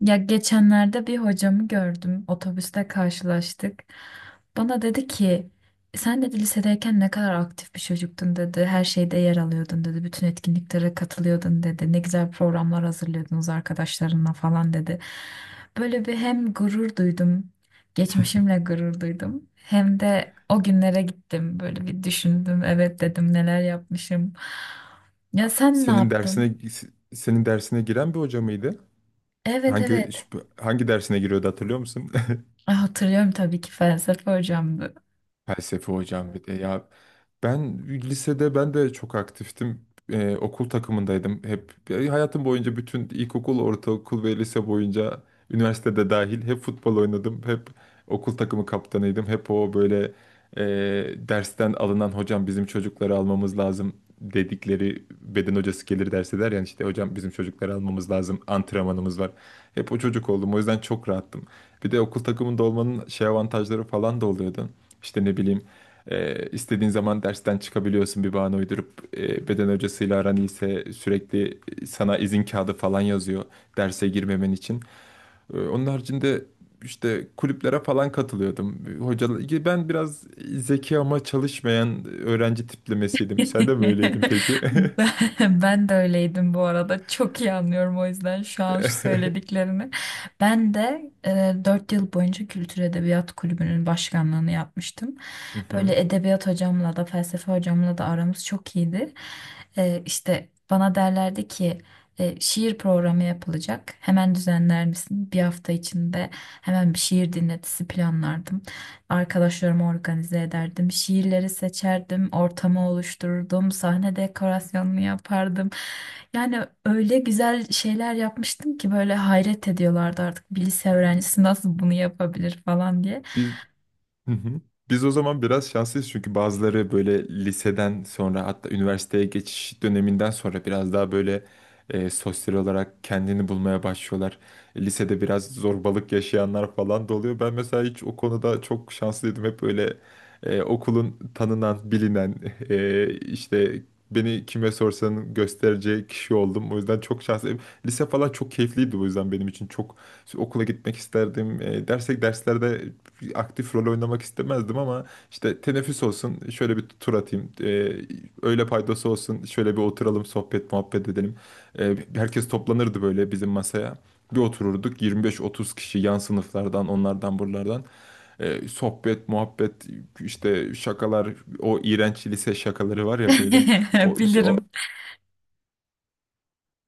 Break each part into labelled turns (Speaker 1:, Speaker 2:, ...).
Speaker 1: Ya geçenlerde bir hocamı gördüm. Otobüste karşılaştık. Bana dedi ki sen dedi lisedeyken ne kadar aktif bir çocuktun dedi. Her şeyde yer alıyordun dedi. Bütün etkinliklere katılıyordun dedi. Ne güzel programlar hazırlıyordunuz arkadaşlarınla falan dedi. Böyle bir hem gurur duydum. Geçmişimle gurur duydum. Hem de o günlere gittim. Böyle bir düşündüm. Evet dedim neler yapmışım. Ya sen ne
Speaker 2: Senin
Speaker 1: yaptın?
Speaker 2: dersine Senin dersine giren bir hoca mıydı?
Speaker 1: Evet,
Speaker 2: Hangi
Speaker 1: evet.
Speaker 2: Hangi dersine giriyordu hatırlıyor musun?
Speaker 1: Ah, hatırlıyorum tabii ki, felsefe hocamdı.
Speaker 2: Felsefe hocam, bir de ya ben lisede ben de çok aktiftim. Okul takımındaydım hep. Hayatım boyunca bütün ilkokul, ortaokul ve lise boyunca üniversitede dahil hep futbol oynadım. Hep okul takımı kaptanıydım. Hep o böyle, e, dersten alınan hocam, bizim çocukları almamız lazım dedikleri beden hocası gelir derse der yani, işte hocam bizim çocukları almamız lazım, antrenmanımız var. Hep o çocuk oldum, o yüzden çok rahattım. Bir de okul takımında olmanın şey avantajları falan da oluyordu. İşte ne bileyim, istediğin zaman dersten çıkabiliyorsun bir bahane uydurup, beden hocasıyla aran iyiyse sürekli sana izin kağıdı falan yazıyor derse girmemen için. Onun haricinde işte kulüplere falan katılıyordum. Hocalar, ben biraz zeki ama çalışmayan öğrenci tiplemesiydim. Sen de mi öyleydin peki?
Speaker 1: Ben de öyleydim bu arada. Çok iyi anlıyorum o yüzden şu an şu söylediklerini. Ben de 4 yıl boyunca Kültür Edebiyat Kulübü'nün başkanlığını yapmıştım.
Speaker 2: Hı hı.
Speaker 1: Böyle edebiyat hocamla da felsefe hocamla da aramız çok iyiydi. İşte bana derlerdi ki şiir programı yapılacak. Hemen düzenler misin? Bir hafta içinde hemen bir şiir dinletisi planlardım. Arkadaşlarımı organize ederdim. Şiirleri seçerdim. Ortamı oluştururdum. Sahne dekorasyonunu yapardım. Yani öyle güzel şeyler yapmıştım ki böyle hayret ediyorlardı artık. Bir lise öğrencisi nasıl bunu yapabilir falan diye.
Speaker 2: Biz Hı hı. Biz o zaman biraz şanslıyız çünkü bazıları böyle liseden sonra, hatta üniversiteye geçiş döneminden sonra biraz daha böyle sosyal olarak kendini bulmaya başlıyorlar. Lisede biraz zorbalık yaşayanlar falan da oluyor. Ben mesela hiç, o konuda çok şanslıydım. Hep böyle okulun tanınan, bilinen, işte beni kime sorsan göstereceği kişi oldum. O yüzden çok şanslıyım. Lise falan çok keyifliydi, o yüzden benim için çok okula gitmek isterdim. E, dersek Derslerde aktif rol oynamak istemezdim ama işte teneffüs olsun, şöyle bir tur atayım. Öğle paydası olsun, şöyle bir oturalım, sohbet muhabbet edelim. Herkes toplanırdı böyle bizim masaya. Bir otururduk 25-30 kişi, yan sınıflardan, onlardan, buralardan. Sohbet muhabbet, işte şakalar, o iğrenç lise şakaları var ya böyle, o, o
Speaker 1: Bilirim.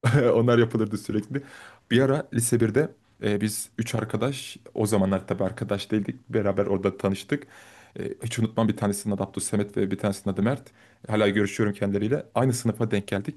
Speaker 2: onlar yapılırdı sürekli. Bir ara lise birde, biz üç arkadaş, o zamanlar tabii arkadaş değildik, beraber orada tanıştık. Hiç unutmam, bir tanesinin adı Abdülsemet ve bir tanesinin adı Mert. Hala görüşüyorum kendileriyle. Aynı sınıfa denk geldik.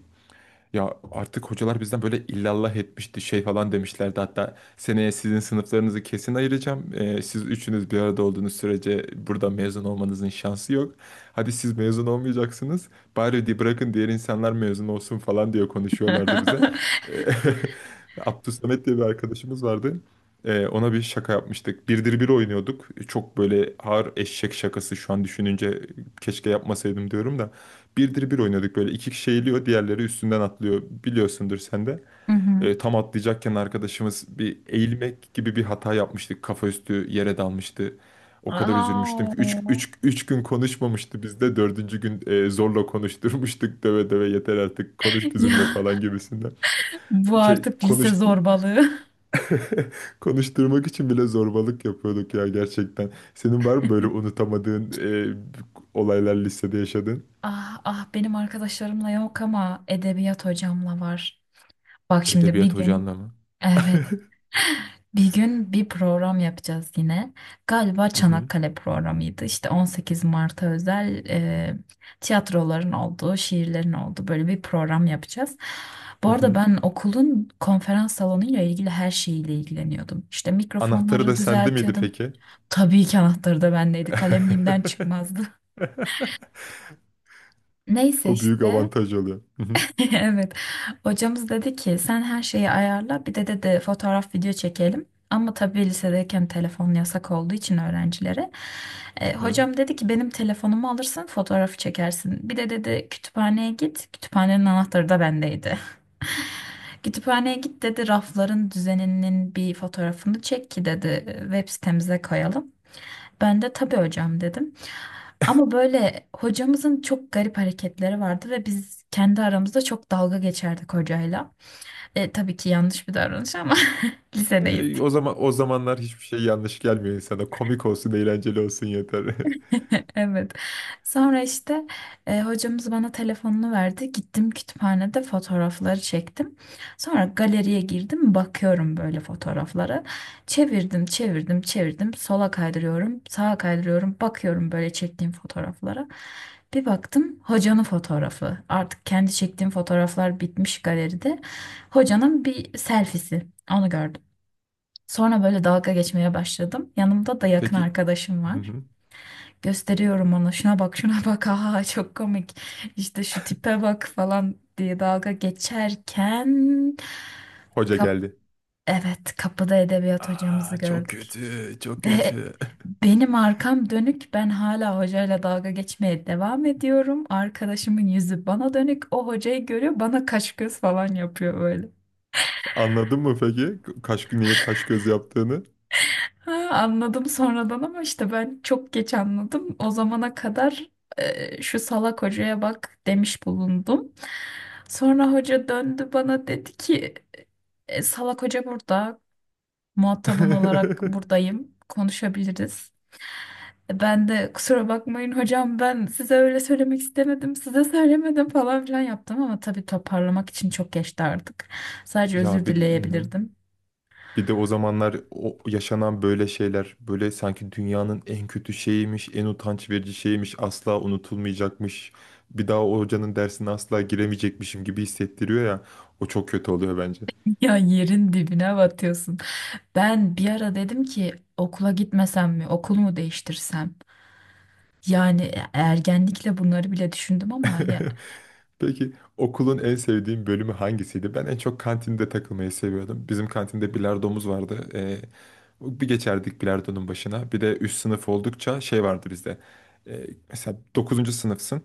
Speaker 2: Ya artık hocalar bizden böyle illallah etmişti, şey falan demişlerdi. Hatta seneye sizin sınıflarınızı kesin ayıracağım. Siz üçünüz bir arada olduğunuz sürece burada mezun olmanızın şansı yok. Hadi, siz mezun olmayacaksınız. Bari bırakın diğer insanlar mezun olsun falan diye konuşuyorlardı bize. Ee, Abdülsamet diye bir arkadaşımız vardı. Ona bir şaka yapmıştık. Birdir bir oynuyorduk. Çok böyle ağır eşek şakası, şu an düşününce keşke yapmasaydım diyorum da. Birdir bir oynadık böyle, iki kişi eğiliyor, diğerleri üstünden atlıyor, biliyorsundur sen de.
Speaker 1: Mhm.
Speaker 2: Tam atlayacakken arkadaşımız bir eğilmek gibi bir hata yapmıştık, kafa üstü yere dalmıştı. O kadar üzülmüştüm ki üç
Speaker 1: Au.
Speaker 2: üç üç gün konuşmamıştı bizde, dördüncü gün, zorla konuşturmuştuk döve döve, yeter artık konuş bizimle
Speaker 1: Ya
Speaker 2: falan gibisinden.
Speaker 1: bu
Speaker 2: Şey
Speaker 1: artık lise
Speaker 2: konuştu,
Speaker 1: zorbalığı.
Speaker 2: konuşturmak için bile zorbalık yapıyorduk ya gerçekten. Senin var mı böyle unutamadığın, olaylar listede yaşadın?
Speaker 1: Ah ah, benim arkadaşlarımla yok ama edebiyat hocamla var. Bak şimdi bir
Speaker 2: Edebiyat
Speaker 1: gün
Speaker 2: hocanla mı?
Speaker 1: evet, bir gün bir program yapacağız yine. Galiba
Speaker 2: Hı hı.
Speaker 1: Çanakkale programıydı. İşte 18 Mart'a özel, tiyatroların olduğu, şiirlerin olduğu böyle bir program yapacağız. Bu
Speaker 2: Hı
Speaker 1: arada
Speaker 2: hı.
Speaker 1: ben okulun konferans salonuyla ilgili her şeyiyle ilgileniyordum. İşte
Speaker 2: Anahtarı da
Speaker 1: mikrofonları
Speaker 2: sende miydi
Speaker 1: düzeltiyordum.
Speaker 2: peki?
Speaker 1: Tabii ki anahtarı da bendeydi. Kalem elimden çıkmazdı. Neyse
Speaker 2: O büyük
Speaker 1: işte.
Speaker 2: avantaj oluyor. Hı hı.
Speaker 1: Evet. Hocamız dedi ki sen her şeyi ayarla, bir de dedi fotoğraf video çekelim. Ama tabii lisedeyken telefon yasak olduğu için öğrencilere.
Speaker 2: Hı hı.
Speaker 1: Hocam dedi ki benim telefonumu alırsın fotoğrafı çekersin. Bir de dedi kütüphaneye git. Kütüphanenin anahtarı da bendeydi. Kütüphaneye git dedi, rafların düzeninin bir fotoğrafını çek ki dedi web sitemize koyalım. Ben de tabii hocam dedim. Ama böyle hocamızın çok garip hareketleri vardı ve biz kendi aramızda çok dalga geçerdik hocayla. Tabii ki yanlış bir davranış ama lisedeyiz.
Speaker 2: O zaman, o zamanlar hiçbir şey yanlış gelmiyor insana. Komik olsun, eğlenceli olsun yeter.
Speaker 1: Evet. Sonra işte hocamız bana telefonunu verdi. Gittim kütüphanede fotoğrafları çektim. Sonra galeriye girdim, bakıyorum böyle fotoğraflara. Çevirdim, çevirdim, çevirdim. Sola kaydırıyorum, sağa kaydırıyorum. Bakıyorum böyle çektiğim fotoğraflara. Bir baktım hocanın fotoğrafı. Artık kendi çektiğim fotoğraflar bitmiş galeride. Hocanın bir selfie'si. Onu gördüm. Sonra böyle dalga geçmeye başladım. Yanımda da yakın
Speaker 2: Peki.
Speaker 1: arkadaşım
Speaker 2: Hı
Speaker 1: var.
Speaker 2: hı.
Speaker 1: Gösteriyorum ona, şuna bak şuna bak, aha çok komik, işte şu tipe bak falan diye dalga geçerken
Speaker 2: Hoca
Speaker 1: kap
Speaker 2: geldi.
Speaker 1: evet, kapıda edebiyat hocamızı
Speaker 2: Aa, çok
Speaker 1: gördük
Speaker 2: kötü, çok
Speaker 1: ve
Speaker 2: kötü.
Speaker 1: benim arkam dönük, ben hala hocayla dalga geçmeye devam ediyorum, arkadaşımın yüzü bana dönük, o hocayı görüyor, bana kaş göz falan yapıyor.
Speaker 2: Anladın mı peki? Kaş, niye kaş göz yaptığını?
Speaker 1: Ha, anladım sonradan ama işte ben çok geç anladım. O zamana kadar şu salak hocaya bak demiş bulundum. Sonra hoca döndü bana dedi ki "E, salak hoca burada, muhatabın olarak buradayım, konuşabiliriz." Ben de kusura bakmayın hocam ben size öyle söylemek istemedim, size söylemedim falan filan yaptım ama tabii toparlamak için çok geçti artık. Sadece özür
Speaker 2: Ya hı hı.
Speaker 1: dileyebilirdim.
Speaker 2: Bir de o zamanlar o yaşanan böyle şeyler, böyle sanki dünyanın en kötü şeyiymiş, en utanç verici şeymiş, asla unutulmayacakmış. Bir daha o hocanın dersine asla giremeyecekmişim gibi hissettiriyor ya. O çok kötü oluyor bence.
Speaker 1: Ya yerin dibine batıyorsun. Ben bir ara dedim ki okula gitmesem mi, okul mu değiştirsem? Yani ergenlikle bunları bile düşündüm ama ya.
Speaker 2: Peki, okulun en sevdiğin bölümü hangisiydi? Ben en çok kantinde takılmayı seviyordum. Bizim kantinde bilardomuz vardı. Bir geçerdik bilardonun başına. Bir de üst sınıf oldukça şey vardı bizde. Mesela dokuzuncu sınıfsın.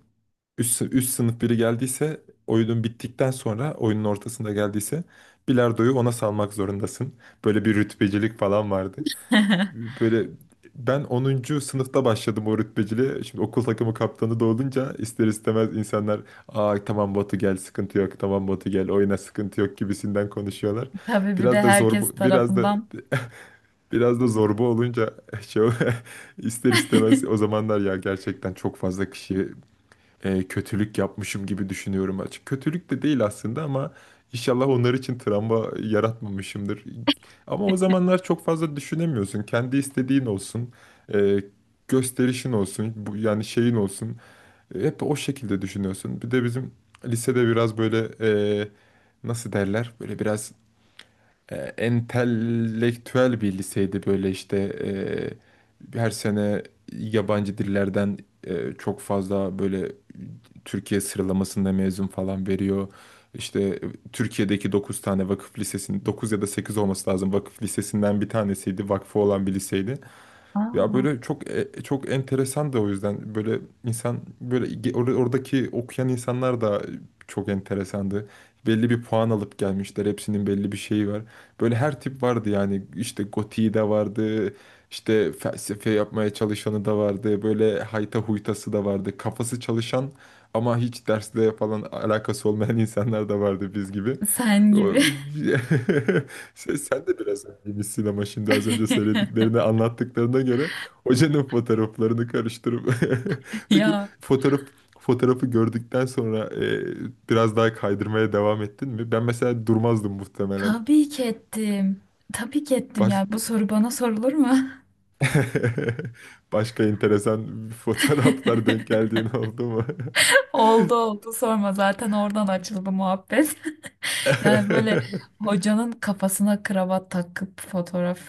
Speaker 2: Üst sınıf biri geldiyse oyunun bittikten sonra, oyunun ortasında geldiyse bilardoyu ona salmak zorundasın. Böyle bir rütbecilik falan vardı. Böyle ben 10. sınıfta başladım o rütbeciliğe. Şimdi okul takımı kaptanı da olunca ister istemez insanlar, aa tamam Batu gel sıkıntı yok, tamam Batu gel oyna sıkıntı yok, gibisinden konuşuyorlar.
Speaker 1: Tabii bir de
Speaker 2: Biraz da zor,
Speaker 1: herkes
Speaker 2: biraz da,
Speaker 1: tarafından.
Speaker 2: zorba olunca şey ol- ister istemez, o zamanlar ya gerçekten çok fazla kişi kötülük yapmışım gibi düşünüyorum açık. Kötülük de değil aslında ama inşallah onlar için travma yaratmamışımdır. Ama o zamanlar çok fazla düşünemiyorsun. Kendi istediğin olsun, e, gösterişin olsun, bu, yani şeyin olsun. Hep o şekilde düşünüyorsun. Bir de bizim lisede biraz böyle, e, nasıl derler? Böyle biraz entelektüel bir liseydi, böyle işte her sene yabancı dillerden çok fazla böyle Türkiye sıralamasında mezun falan veriyor. İşte Türkiye'deki 9 tane vakıf lisesinin 9 ya da 8 olması lazım. Vakıf lisesinden bir tanesiydi. Vakfı olan bir liseydi. Ya
Speaker 1: Aa,
Speaker 2: böyle çok, çok enteresan da o yüzden böyle, insan böyle oradaki okuyan insanlar da çok enteresandı. Belli bir puan alıp gelmişler. Hepsinin belli bir şeyi var. Böyle her tip vardı yani. İşte gotiği de vardı. İşte felsefe yapmaya çalışanı da vardı. Böyle hayta huytası da vardı. Kafası çalışan ama hiç dersle falan alakası olmayan insanlar da vardı biz gibi.
Speaker 1: sen
Speaker 2: O-
Speaker 1: gibi.
Speaker 2: sen de biraz gibisin ama, şimdi az önce söylediklerini, anlattıklarına göre hocanın fotoğraflarını karıştırıp peki
Speaker 1: Ya
Speaker 2: fotoğrafı gördükten sonra, biraz daha kaydırmaya devam ettin mi? Ben mesela durmazdım muhtemelen.
Speaker 1: tabii ki ettim. Tabii ki ettim
Speaker 2: Baş...
Speaker 1: ya. Bu soru bana sorulur mu?
Speaker 2: Başka enteresan fotoğraflar denk geldiğin oldu mu?
Speaker 1: Oldu oldu, sorma, zaten oradan açıldı muhabbet. Yani böyle hocanın kafasına kravat takıp fotoğraf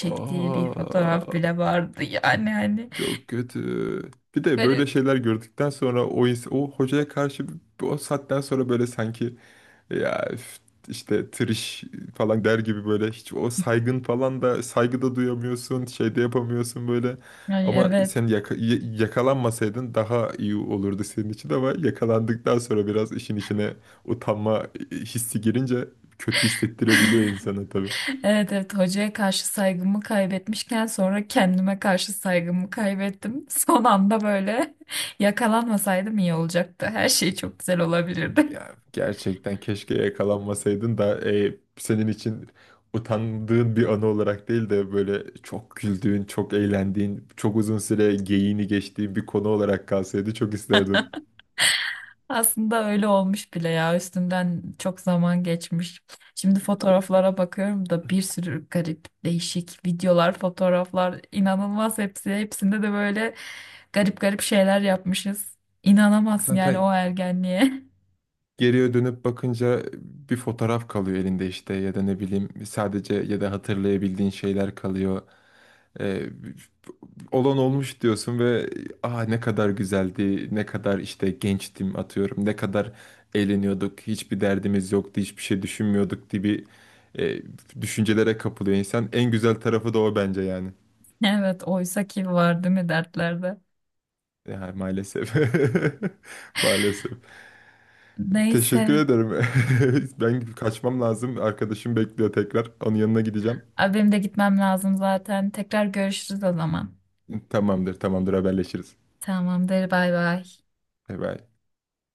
Speaker 1: bir fotoğraf
Speaker 2: Aa.
Speaker 1: bile vardı yani, hani
Speaker 2: Çok kötü. Bir de böyle
Speaker 1: garip.
Speaker 2: şeyler gördükten sonra o hocaya karşı o saatten sonra böyle sanki ya üf, işte triş falan der gibi, böyle hiç o saygın falan da, saygı da duyamıyorsun, şey de yapamıyorsun böyle.
Speaker 1: Yani
Speaker 2: Ama
Speaker 1: evet.
Speaker 2: sen yakalanmasaydın daha iyi olurdu senin için, ama yakalandıktan sonra biraz işin içine utanma hissi girince kötü hissettirebiliyor insana tabii.
Speaker 1: Evet evet, hocaya karşı saygımı kaybetmişken sonra kendime karşı saygımı kaybettim. Son anda böyle yakalanmasaydım iyi olacaktı. Her şey çok güzel olabilirdi.
Speaker 2: Ya gerçekten keşke yakalanmasaydın da, senin için utandığın bir anı olarak değil de böyle çok güldüğün, çok eğlendiğin, çok uzun süre geyiğini geçtiğin bir konu olarak kalsaydı çok isterdim.
Speaker 1: Aslında öyle olmuş bile ya. Üstünden çok zaman geçmiş. Şimdi
Speaker 2: Abi,
Speaker 1: fotoğraflara bakıyorum da bir sürü garip, değişik videolar, fotoğraflar, inanılmaz hepsi. Hepsinde de böyle garip garip şeyler yapmışız. İnanamazsın yani o
Speaker 2: zaten
Speaker 1: ergenliğe.
Speaker 2: geriye dönüp bakınca bir fotoğraf kalıyor elinde, işte ya da ne bileyim, sadece ya da hatırlayabildiğin şeyler kalıyor. Ee, Olan olmuş diyorsun ve ah, ne kadar güzeldi, ne kadar işte gençtim atıyorum, ne kadar eğleniyorduk, hiçbir derdimiz yoktu, hiçbir şey düşünmüyorduk gibi e, düşüncelere kapılıyor insan. En güzel tarafı da o bence yani.
Speaker 1: Evet, oysa ki var değil mi dertlerde?
Speaker 2: Ya maalesef. Maalesef. Teşekkür
Speaker 1: Neyse.
Speaker 2: ederim. Ben kaçmam lazım. Arkadaşım bekliyor tekrar. Onun yanına gideceğim.
Speaker 1: Abi benim de gitmem lazım zaten. Tekrar görüşürüz o zaman.
Speaker 2: Tamamdır, tamamdır, haberleşiriz.
Speaker 1: Tamamdır, bay bay.
Speaker 2: Bay bay.